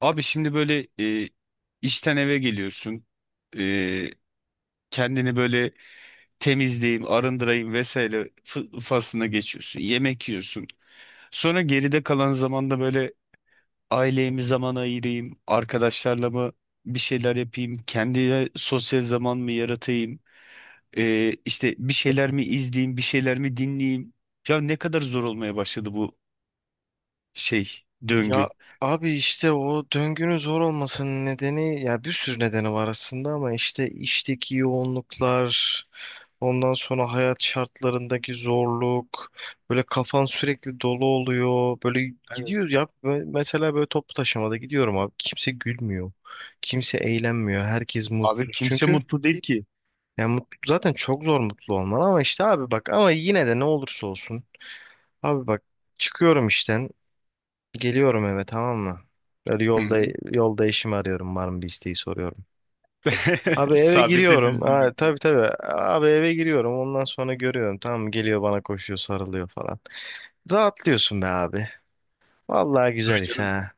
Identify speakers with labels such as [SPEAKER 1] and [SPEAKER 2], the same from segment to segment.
[SPEAKER 1] Abi şimdi böyle işten eve geliyorsun. E, kendini böyle temizleyeyim, arındırayım vesaire faslına geçiyorsun. Yemek yiyorsun. Sonra geride kalan zamanda böyle aileye mi zaman ayırayım, arkadaşlarla mı bir şeyler yapayım, kendine sosyal zaman mı yaratayım, işte bir şeyler mi izleyeyim, bir şeyler mi dinleyeyim. Ya ne kadar zor olmaya başladı bu şey, döngü.
[SPEAKER 2] Ya abi işte o döngünün zor olmasının nedeni, ya bir sürü nedeni var aslında, ama işte işteki yoğunluklar, ondan sonra hayat şartlarındaki zorluk, böyle kafan sürekli dolu oluyor. Böyle
[SPEAKER 1] Evet.
[SPEAKER 2] gidiyoruz ya mesela böyle toplu taşımada gidiyorum abi, kimse gülmüyor. Kimse eğlenmiyor. Herkes
[SPEAKER 1] Abi
[SPEAKER 2] mutsuz.
[SPEAKER 1] kimse
[SPEAKER 2] Çünkü
[SPEAKER 1] mutlu değil ki.
[SPEAKER 2] yani mutlu, zaten çok zor mutlu olman, ama işte abi bak, ama yine de ne olursa olsun abi bak, çıkıyorum işten, geliyorum eve, tamam mı? Böyle
[SPEAKER 1] Hı
[SPEAKER 2] yolda
[SPEAKER 1] hı.
[SPEAKER 2] yolda eşimi arıyorum, var mı bir isteği, soruyorum. Abi eve
[SPEAKER 1] Sabit
[SPEAKER 2] giriyorum.
[SPEAKER 1] hepimizin
[SPEAKER 2] Ha,
[SPEAKER 1] yaptığı.
[SPEAKER 2] tabii tabii. Abi eve giriyorum. Ondan sonra görüyorum. Tamam mı? Geliyor bana, koşuyor, sarılıyor falan. Rahatlıyorsun be abi. Vallahi
[SPEAKER 1] Tabii
[SPEAKER 2] güzel his
[SPEAKER 1] canım.
[SPEAKER 2] ha.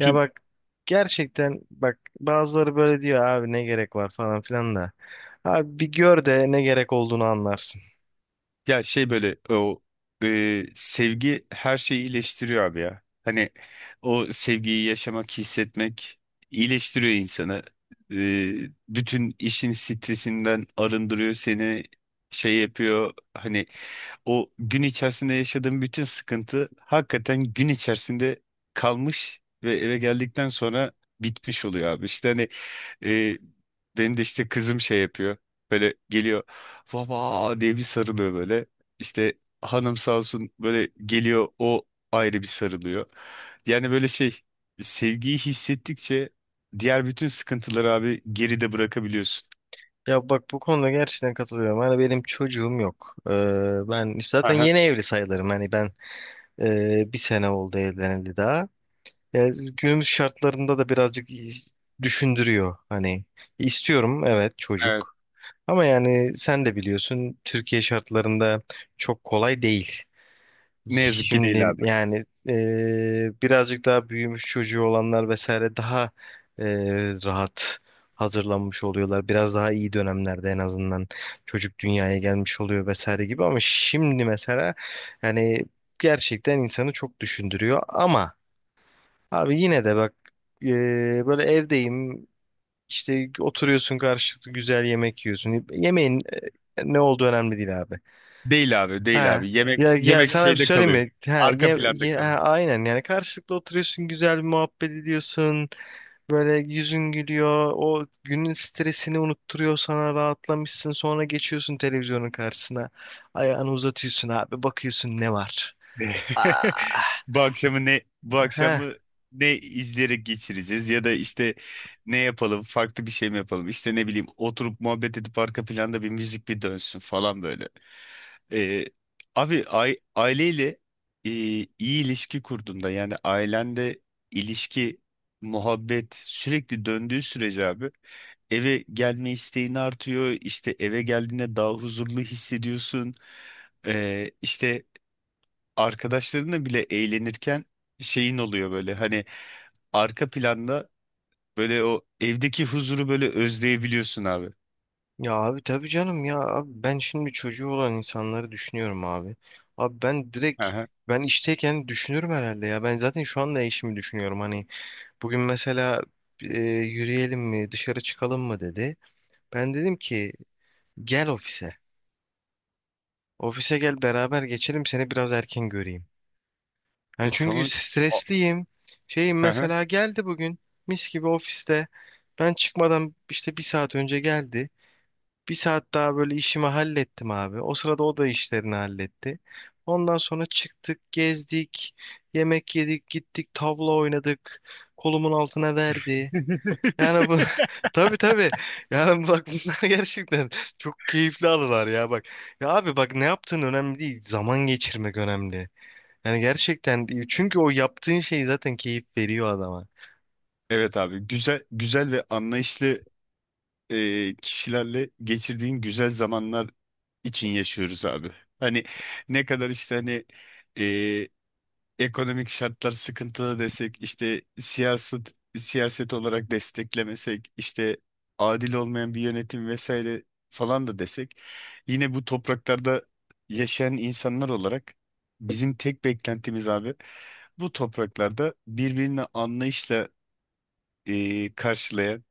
[SPEAKER 2] Ya bak, gerçekten bak, bazıları böyle diyor abi, ne gerek var falan filan da. Abi bir gör de ne gerek olduğunu anlarsın.
[SPEAKER 1] ya şey böyle o sevgi her şeyi iyileştiriyor abi ya. Hani o sevgiyi yaşamak, hissetmek iyileştiriyor insanı. E, bütün işin stresinden arındırıyor seni. Şey yapıyor hani o gün içerisinde yaşadığın bütün sıkıntı hakikaten gün içerisinde kalmış ve eve geldikten sonra bitmiş oluyor abi. İşte hani E, benim de işte kızım şey yapıyor. Böyle geliyor. Baba diye bir sarılıyor böyle. İşte hanım sağ olsun böyle geliyor o ayrı bir sarılıyor. Yani böyle şey sevgiyi hissettikçe diğer bütün sıkıntıları abi geride bırakabiliyorsun.
[SPEAKER 2] Ya bak, bu konuda gerçekten katılıyorum. Hani benim çocuğum yok. Ben zaten
[SPEAKER 1] Aha,
[SPEAKER 2] yeni evli sayılırım. Hani ben Bir sene oldu evlenildi daha. Yani günümüz şartlarında da birazcık düşündürüyor. Hani istiyorum evet,
[SPEAKER 1] evet.
[SPEAKER 2] çocuk. Ama yani sen de biliyorsun, Türkiye şartlarında çok kolay değil.
[SPEAKER 1] Ne yazık ki değil
[SPEAKER 2] Şimdi
[SPEAKER 1] abi.
[SPEAKER 2] yani birazcık daha büyümüş çocuğu olanlar vesaire daha rahat hazırlanmış oluyorlar. Biraz daha iyi dönemlerde en azından çocuk dünyaya gelmiş oluyor vesaire gibi, ama şimdi mesela yani gerçekten insanı çok düşündürüyor, ama abi yine de bak, böyle evdeyim işte, oturuyorsun karşılıklı, güzel yemek yiyorsun. Yemeğin ne olduğu önemli değil abi.
[SPEAKER 1] Değil abi, değil
[SPEAKER 2] Ha.
[SPEAKER 1] abi. Yemek
[SPEAKER 2] Ya,
[SPEAKER 1] yemek
[SPEAKER 2] sana bir
[SPEAKER 1] şeyde
[SPEAKER 2] söyleyeyim
[SPEAKER 1] kalıyor.
[SPEAKER 2] mi?
[SPEAKER 1] Arka planda kalıyor.
[SPEAKER 2] Aynen, yani karşılıklı oturuyorsun, güzel bir muhabbet ediyorsun. Böyle yüzün gülüyor. O günün stresini unutturuyor, sana rahatlamışsın. Sonra geçiyorsun televizyonun karşısına. Ayağını uzatıyorsun abi, bakıyorsun ne var.
[SPEAKER 1] Ne-
[SPEAKER 2] Ah.
[SPEAKER 1] bu
[SPEAKER 2] Heh.
[SPEAKER 1] akşamı ne izleyerek geçireceğiz ya da işte ne yapalım, farklı bir şey mi yapalım, işte ne bileyim, oturup muhabbet edip arka planda bir müzik bir dönsün falan böyle. Ee, abi aileyle iyi ilişki kurduğunda, yani ailende ilişki muhabbet sürekli döndüğü sürece abi, eve gelme isteğin artıyor, işte eve geldiğinde daha huzurlu hissediyorsun. İşte arkadaşlarınla bile eğlenirken şeyin oluyor böyle, hani arka planda böyle o evdeki huzuru böyle özleyebiliyorsun abi.
[SPEAKER 2] Ya abi tabii canım, ya abi ben şimdi çocuğu olan insanları düşünüyorum abi. Abi ben
[SPEAKER 1] Hı
[SPEAKER 2] direkt,
[SPEAKER 1] hı.
[SPEAKER 2] ben işteyken düşünürüm herhalde ya. Ben zaten şu anda eşimi düşünüyorum hani. Bugün mesela yürüyelim mi, dışarı çıkalım mı dedi. Ben dedim ki gel ofise. Ofise gel, beraber geçelim, seni biraz erken göreyim. Yani
[SPEAKER 1] E,
[SPEAKER 2] çünkü
[SPEAKER 1] tamam. A-
[SPEAKER 2] stresliyim. Şeyim
[SPEAKER 1] Hı hı.
[SPEAKER 2] mesela geldi bugün, mis gibi ofiste. Ben çıkmadan işte bir saat önce geldi. Bir saat daha böyle işimi hallettim abi. O sırada o da işlerini halletti. Ondan sonra çıktık, gezdik, yemek yedik, gittik, tavla oynadık. Kolumun altına verdi. Yani bu tabii tabii. Yani bak, bunlar gerçekten çok keyifli anılar ya bak. Ya abi bak, ne yaptığın önemli değil. Zaman geçirmek önemli. Yani gerçekten değil, çünkü o yaptığın şey zaten keyif veriyor adama.
[SPEAKER 1] Evet abi, güzel güzel ve anlayışlı kişilerle geçirdiğin güzel zamanlar için yaşıyoruz abi. Hani ne kadar işte hani e, ekonomik şartlar sıkıntılı desek, işte siyaset siyaset olarak desteklemesek, işte adil olmayan bir yönetim vesaire falan da desek, yine bu topraklarda yaşayan insanlar olarak bizim tek beklentimiz abi, bu topraklarda birbirini anlayışla karşılayan,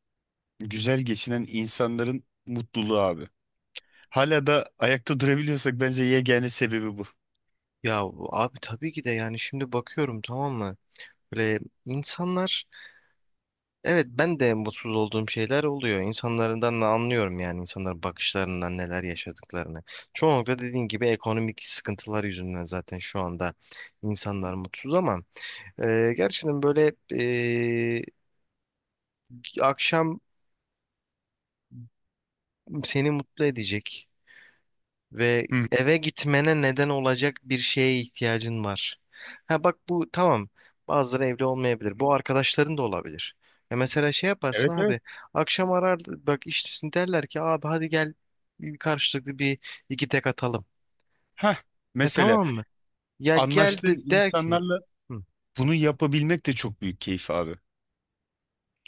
[SPEAKER 1] güzel geçinen insanların mutluluğu abi. Hala da ayakta durabiliyorsak bence yegane sebebi bu.
[SPEAKER 2] Ya abi tabii ki de, yani şimdi bakıyorum, tamam mı? Böyle insanlar, evet ben de mutsuz olduğum şeyler oluyor. İnsanlardan da anlıyorum, yani insanların bakışlarından neler yaşadıklarını. Çoğunlukla dediğin gibi ekonomik sıkıntılar yüzünden zaten şu anda insanlar mutsuz, ama gerçekten böyle akşam seni mutlu edecek ve
[SPEAKER 1] Hı.
[SPEAKER 2] eve gitmene neden olacak bir şeye ihtiyacın var. Ha bak, bu tamam. Bazıları evli olmayabilir. Bu arkadaşların da olabilir. Ya mesela şey yaparsın
[SPEAKER 1] Evet, evet.
[SPEAKER 2] abi. Akşam arar, bak işte derler ki abi hadi gel, bir karşılıklı bir iki tek atalım.
[SPEAKER 1] Heh,
[SPEAKER 2] Ha
[SPEAKER 1] mesela ya,
[SPEAKER 2] tamam mı? Ya gel de
[SPEAKER 1] anlaştığın
[SPEAKER 2] der ki
[SPEAKER 1] insanlarla
[SPEAKER 2] "Hı,
[SPEAKER 1] bunu yapabilmek de çok büyük keyif abi.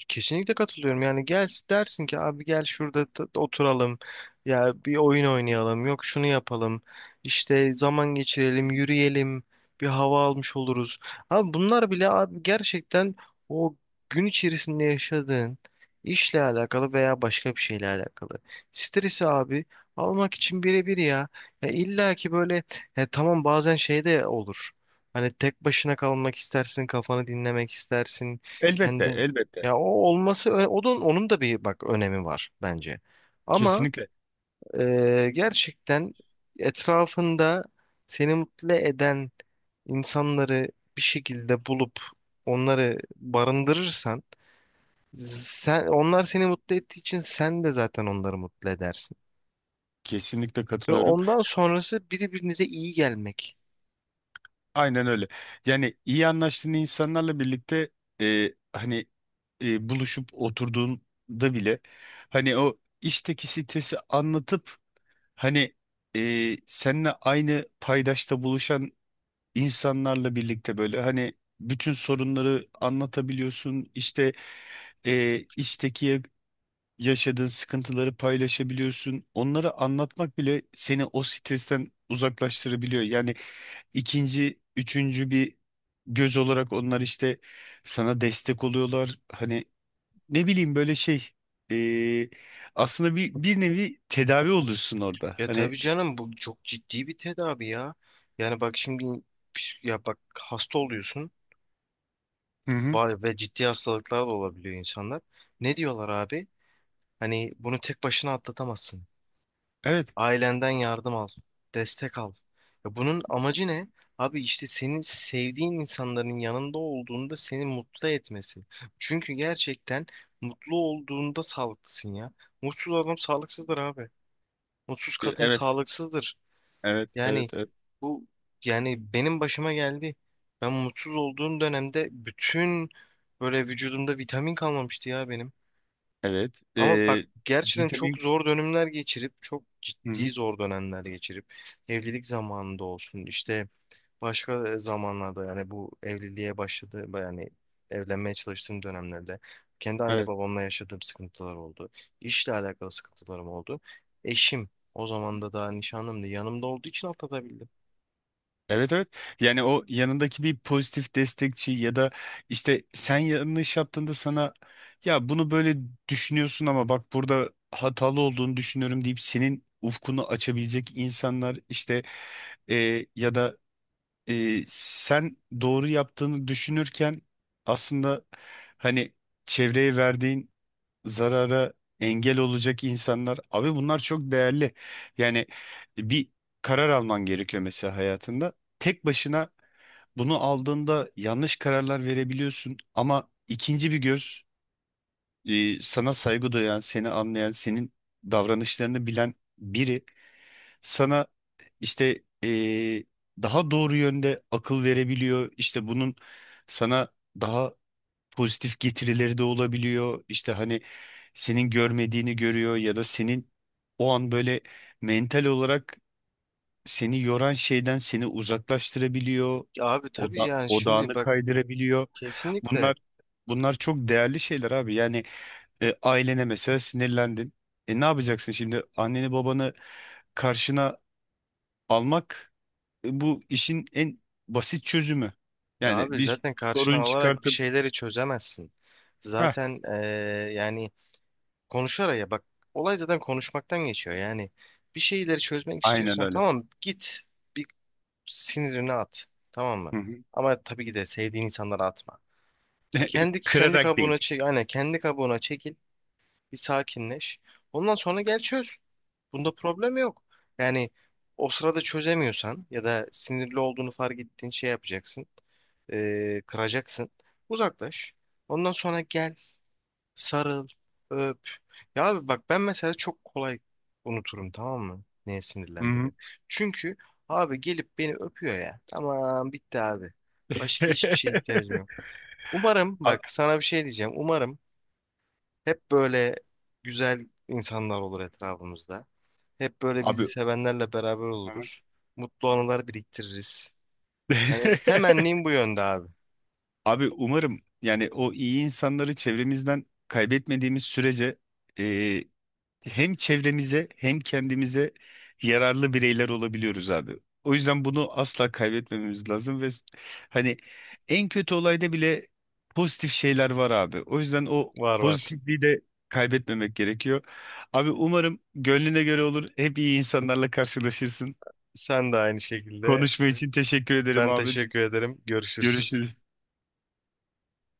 [SPEAKER 2] kesinlikle katılıyorum. Yani gel dersin ki abi gel şurada oturalım. Ya bir oyun oynayalım. Yok şunu yapalım. İşte zaman geçirelim, yürüyelim. Bir hava almış oluruz. Abi bunlar bile abi gerçekten o gün içerisinde yaşadığın işle alakalı veya başka bir şeyle alakalı. Stresi abi almak için birebir ya. Ya illa ki böyle, ya tamam bazen şey de olur. Hani tek başına kalmak istersin, kafanı dinlemek istersin.
[SPEAKER 1] Elbette,
[SPEAKER 2] Kendi
[SPEAKER 1] elbette.
[SPEAKER 2] ya, o olması o da, onun da bir bak önemi var bence. Ama
[SPEAKER 1] Kesinlikle.
[SPEAKER 2] gerçekten etrafında seni mutlu eden insanları bir şekilde bulup onları barındırırsan, sen onlar seni mutlu ettiği için sen de zaten onları mutlu edersin.
[SPEAKER 1] Kesinlikle
[SPEAKER 2] Ve
[SPEAKER 1] katılıyorum.
[SPEAKER 2] ondan sonrası birbirinize iyi gelmek.
[SPEAKER 1] Aynen öyle. Yani iyi anlaştığın insanlarla birlikte hani buluşup oturduğunda bile, hani o işteki stresi anlatıp hani seninle aynı paydaşta buluşan insanlarla birlikte böyle, hani bütün sorunları anlatabiliyorsun. İşte iştekiye yaşadığın sıkıntıları paylaşabiliyorsun. Onları anlatmak bile seni o stresten uzaklaştırabiliyor. Yani ikinci, üçüncü bir göz olarak onlar işte sana destek oluyorlar. Hani ne bileyim, böyle şey, e, aslında bir nevi tedavi oluyorsun orada.
[SPEAKER 2] Ya
[SPEAKER 1] Hani
[SPEAKER 2] tabii canım, bu çok ciddi bir tedavi ya. Yani bak şimdi, ya bak hasta oluyorsun.
[SPEAKER 1] hı hı,
[SPEAKER 2] Ve ciddi hastalıklar da olabiliyor insanlar. Ne diyorlar abi? Hani bunu tek başına atlatamazsın.
[SPEAKER 1] evet,
[SPEAKER 2] Ailenden yardım al, destek al. Ya bunun amacı ne? Abi işte, senin sevdiğin insanların yanında olduğunda seni mutlu etmesi. Çünkü gerçekten mutlu olduğunda sağlıklısın ya. Mutsuz adam sağlıksızdır abi. Mutsuz kadın
[SPEAKER 1] evet,
[SPEAKER 2] sağlıksızdır.
[SPEAKER 1] evet,
[SPEAKER 2] Yani
[SPEAKER 1] evet,
[SPEAKER 2] bu, yani benim başıma geldi. Ben mutsuz olduğum dönemde bütün böyle vücudumda vitamin kalmamıştı ya benim.
[SPEAKER 1] evet,
[SPEAKER 2] Ama bak
[SPEAKER 1] evet. E,
[SPEAKER 2] gerçekten çok
[SPEAKER 1] vitamin,
[SPEAKER 2] zor dönemler geçirip, çok
[SPEAKER 1] hı
[SPEAKER 2] ciddi
[SPEAKER 1] hı,
[SPEAKER 2] zor dönemler geçirip evlilik zamanında olsun, işte başka zamanlarda, yani bu evliliğe başladı, yani evlenmeye çalıştığım dönemlerde kendi anne
[SPEAKER 1] evet.
[SPEAKER 2] babamla yaşadığım sıkıntılar oldu. İşle alakalı sıkıntılarım oldu. Eşim o zaman da daha nişanlımdı, yanımda olduğu için atlatabildim.
[SPEAKER 1] Evet, evet. Yani o yanındaki bir pozitif destekçi, ya da işte sen yanlış yaptığında sana, ya bunu böyle düşünüyorsun ama bak burada hatalı olduğunu düşünüyorum deyip senin ufkunu açabilecek insanlar, işte ya da sen doğru yaptığını düşünürken aslında hani çevreye verdiğin zarara engel olacak insanlar. Abi bunlar çok değerli. Yani bir karar alman gerekiyor mesela hayatında. Tek başına bunu aldığında yanlış kararlar verebiliyorsun ama ikinci bir göz, sana saygı duyan, seni anlayan, senin davranışlarını bilen biri sana işte daha doğru yönde akıl verebiliyor. İşte bunun sana daha pozitif getirileri de olabiliyor. İşte hani senin görmediğini görüyor ya da senin o an böyle mental olarak seni yoran şeyden seni uzaklaştırabiliyor.
[SPEAKER 2] Ya abi tabii,
[SPEAKER 1] Oda,
[SPEAKER 2] yani şimdi
[SPEAKER 1] odağını
[SPEAKER 2] bak
[SPEAKER 1] kaydırabiliyor.
[SPEAKER 2] kesinlikle,
[SPEAKER 1] Bunlar bunlar çok değerli şeyler abi. Yani ailene mesela sinirlendin. E, ne yapacaksın şimdi? Anneni babanı karşına almak, bu işin en basit çözümü.
[SPEAKER 2] ya
[SPEAKER 1] Yani
[SPEAKER 2] abi
[SPEAKER 1] bir
[SPEAKER 2] zaten karşına
[SPEAKER 1] sorun
[SPEAKER 2] alarak bir
[SPEAKER 1] çıkartıp.
[SPEAKER 2] şeyleri çözemezsin.
[SPEAKER 1] Heh,
[SPEAKER 2] Zaten yani konuşarak, ya bak olay zaten konuşmaktan geçiyor. Yani bir şeyleri çözmek
[SPEAKER 1] aynen
[SPEAKER 2] istiyorsan,
[SPEAKER 1] öyle.
[SPEAKER 2] tamam git, bir sinirini at, tamam mı?
[SPEAKER 1] Hı hı.
[SPEAKER 2] Ama tabii ki de sevdiğin insanlara atma. Kendi
[SPEAKER 1] Kırarak
[SPEAKER 2] kabuğuna
[SPEAKER 1] değil.
[SPEAKER 2] çek, aynen kendi kabuğuna çekil, bir sakinleş. Ondan sonra gel çöz. Bunda problem yok. Yani o sırada çözemiyorsan ya da sinirli olduğunu fark ettiğin şey yapacaksın. Kıracaksın. Uzaklaş. Ondan sonra gel, sarıl, öp. Ya abi bak, ben mesela çok kolay unuturum, tamam mı? Neye
[SPEAKER 1] Hı hı.
[SPEAKER 2] sinirlendiğimi. Çünkü abi gelip beni öpüyor ya. Tamam bitti abi. Başka hiçbir şeye ihtiyacım yok. Umarım, bak
[SPEAKER 1] A-
[SPEAKER 2] sana bir şey diyeceğim. Umarım hep böyle güzel insanlar olur etrafımızda. Hep böyle bizi
[SPEAKER 1] Abi.
[SPEAKER 2] sevenlerle beraber oluruz. Mutlu anılar biriktiririz. Yani temennim bu yönde abi.
[SPEAKER 1] Abi umarım, yani o iyi insanları çevremizden kaybetmediğimiz sürece e, hem çevremize hem kendimize yararlı bireyler olabiliyoruz abi. O yüzden bunu asla kaybetmememiz lazım ve hani en kötü olayda bile pozitif şeyler var abi. O yüzden o
[SPEAKER 2] Var var.
[SPEAKER 1] pozitifliği de kaybetmemek gerekiyor. Abi umarım gönlüne göre olur. Hep iyi insanlarla karşılaşırsın.
[SPEAKER 2] Sen de aynı şekilde.
[SPEAKER 1] Konuşma için teşekkür ederim
[SPEAKER 2] Ben
[SPEAKER 1] abi.
[SPEAKER 2] teşekkür ederim. Görüşürüz.
[SPEAKER 1] Görüşürüz.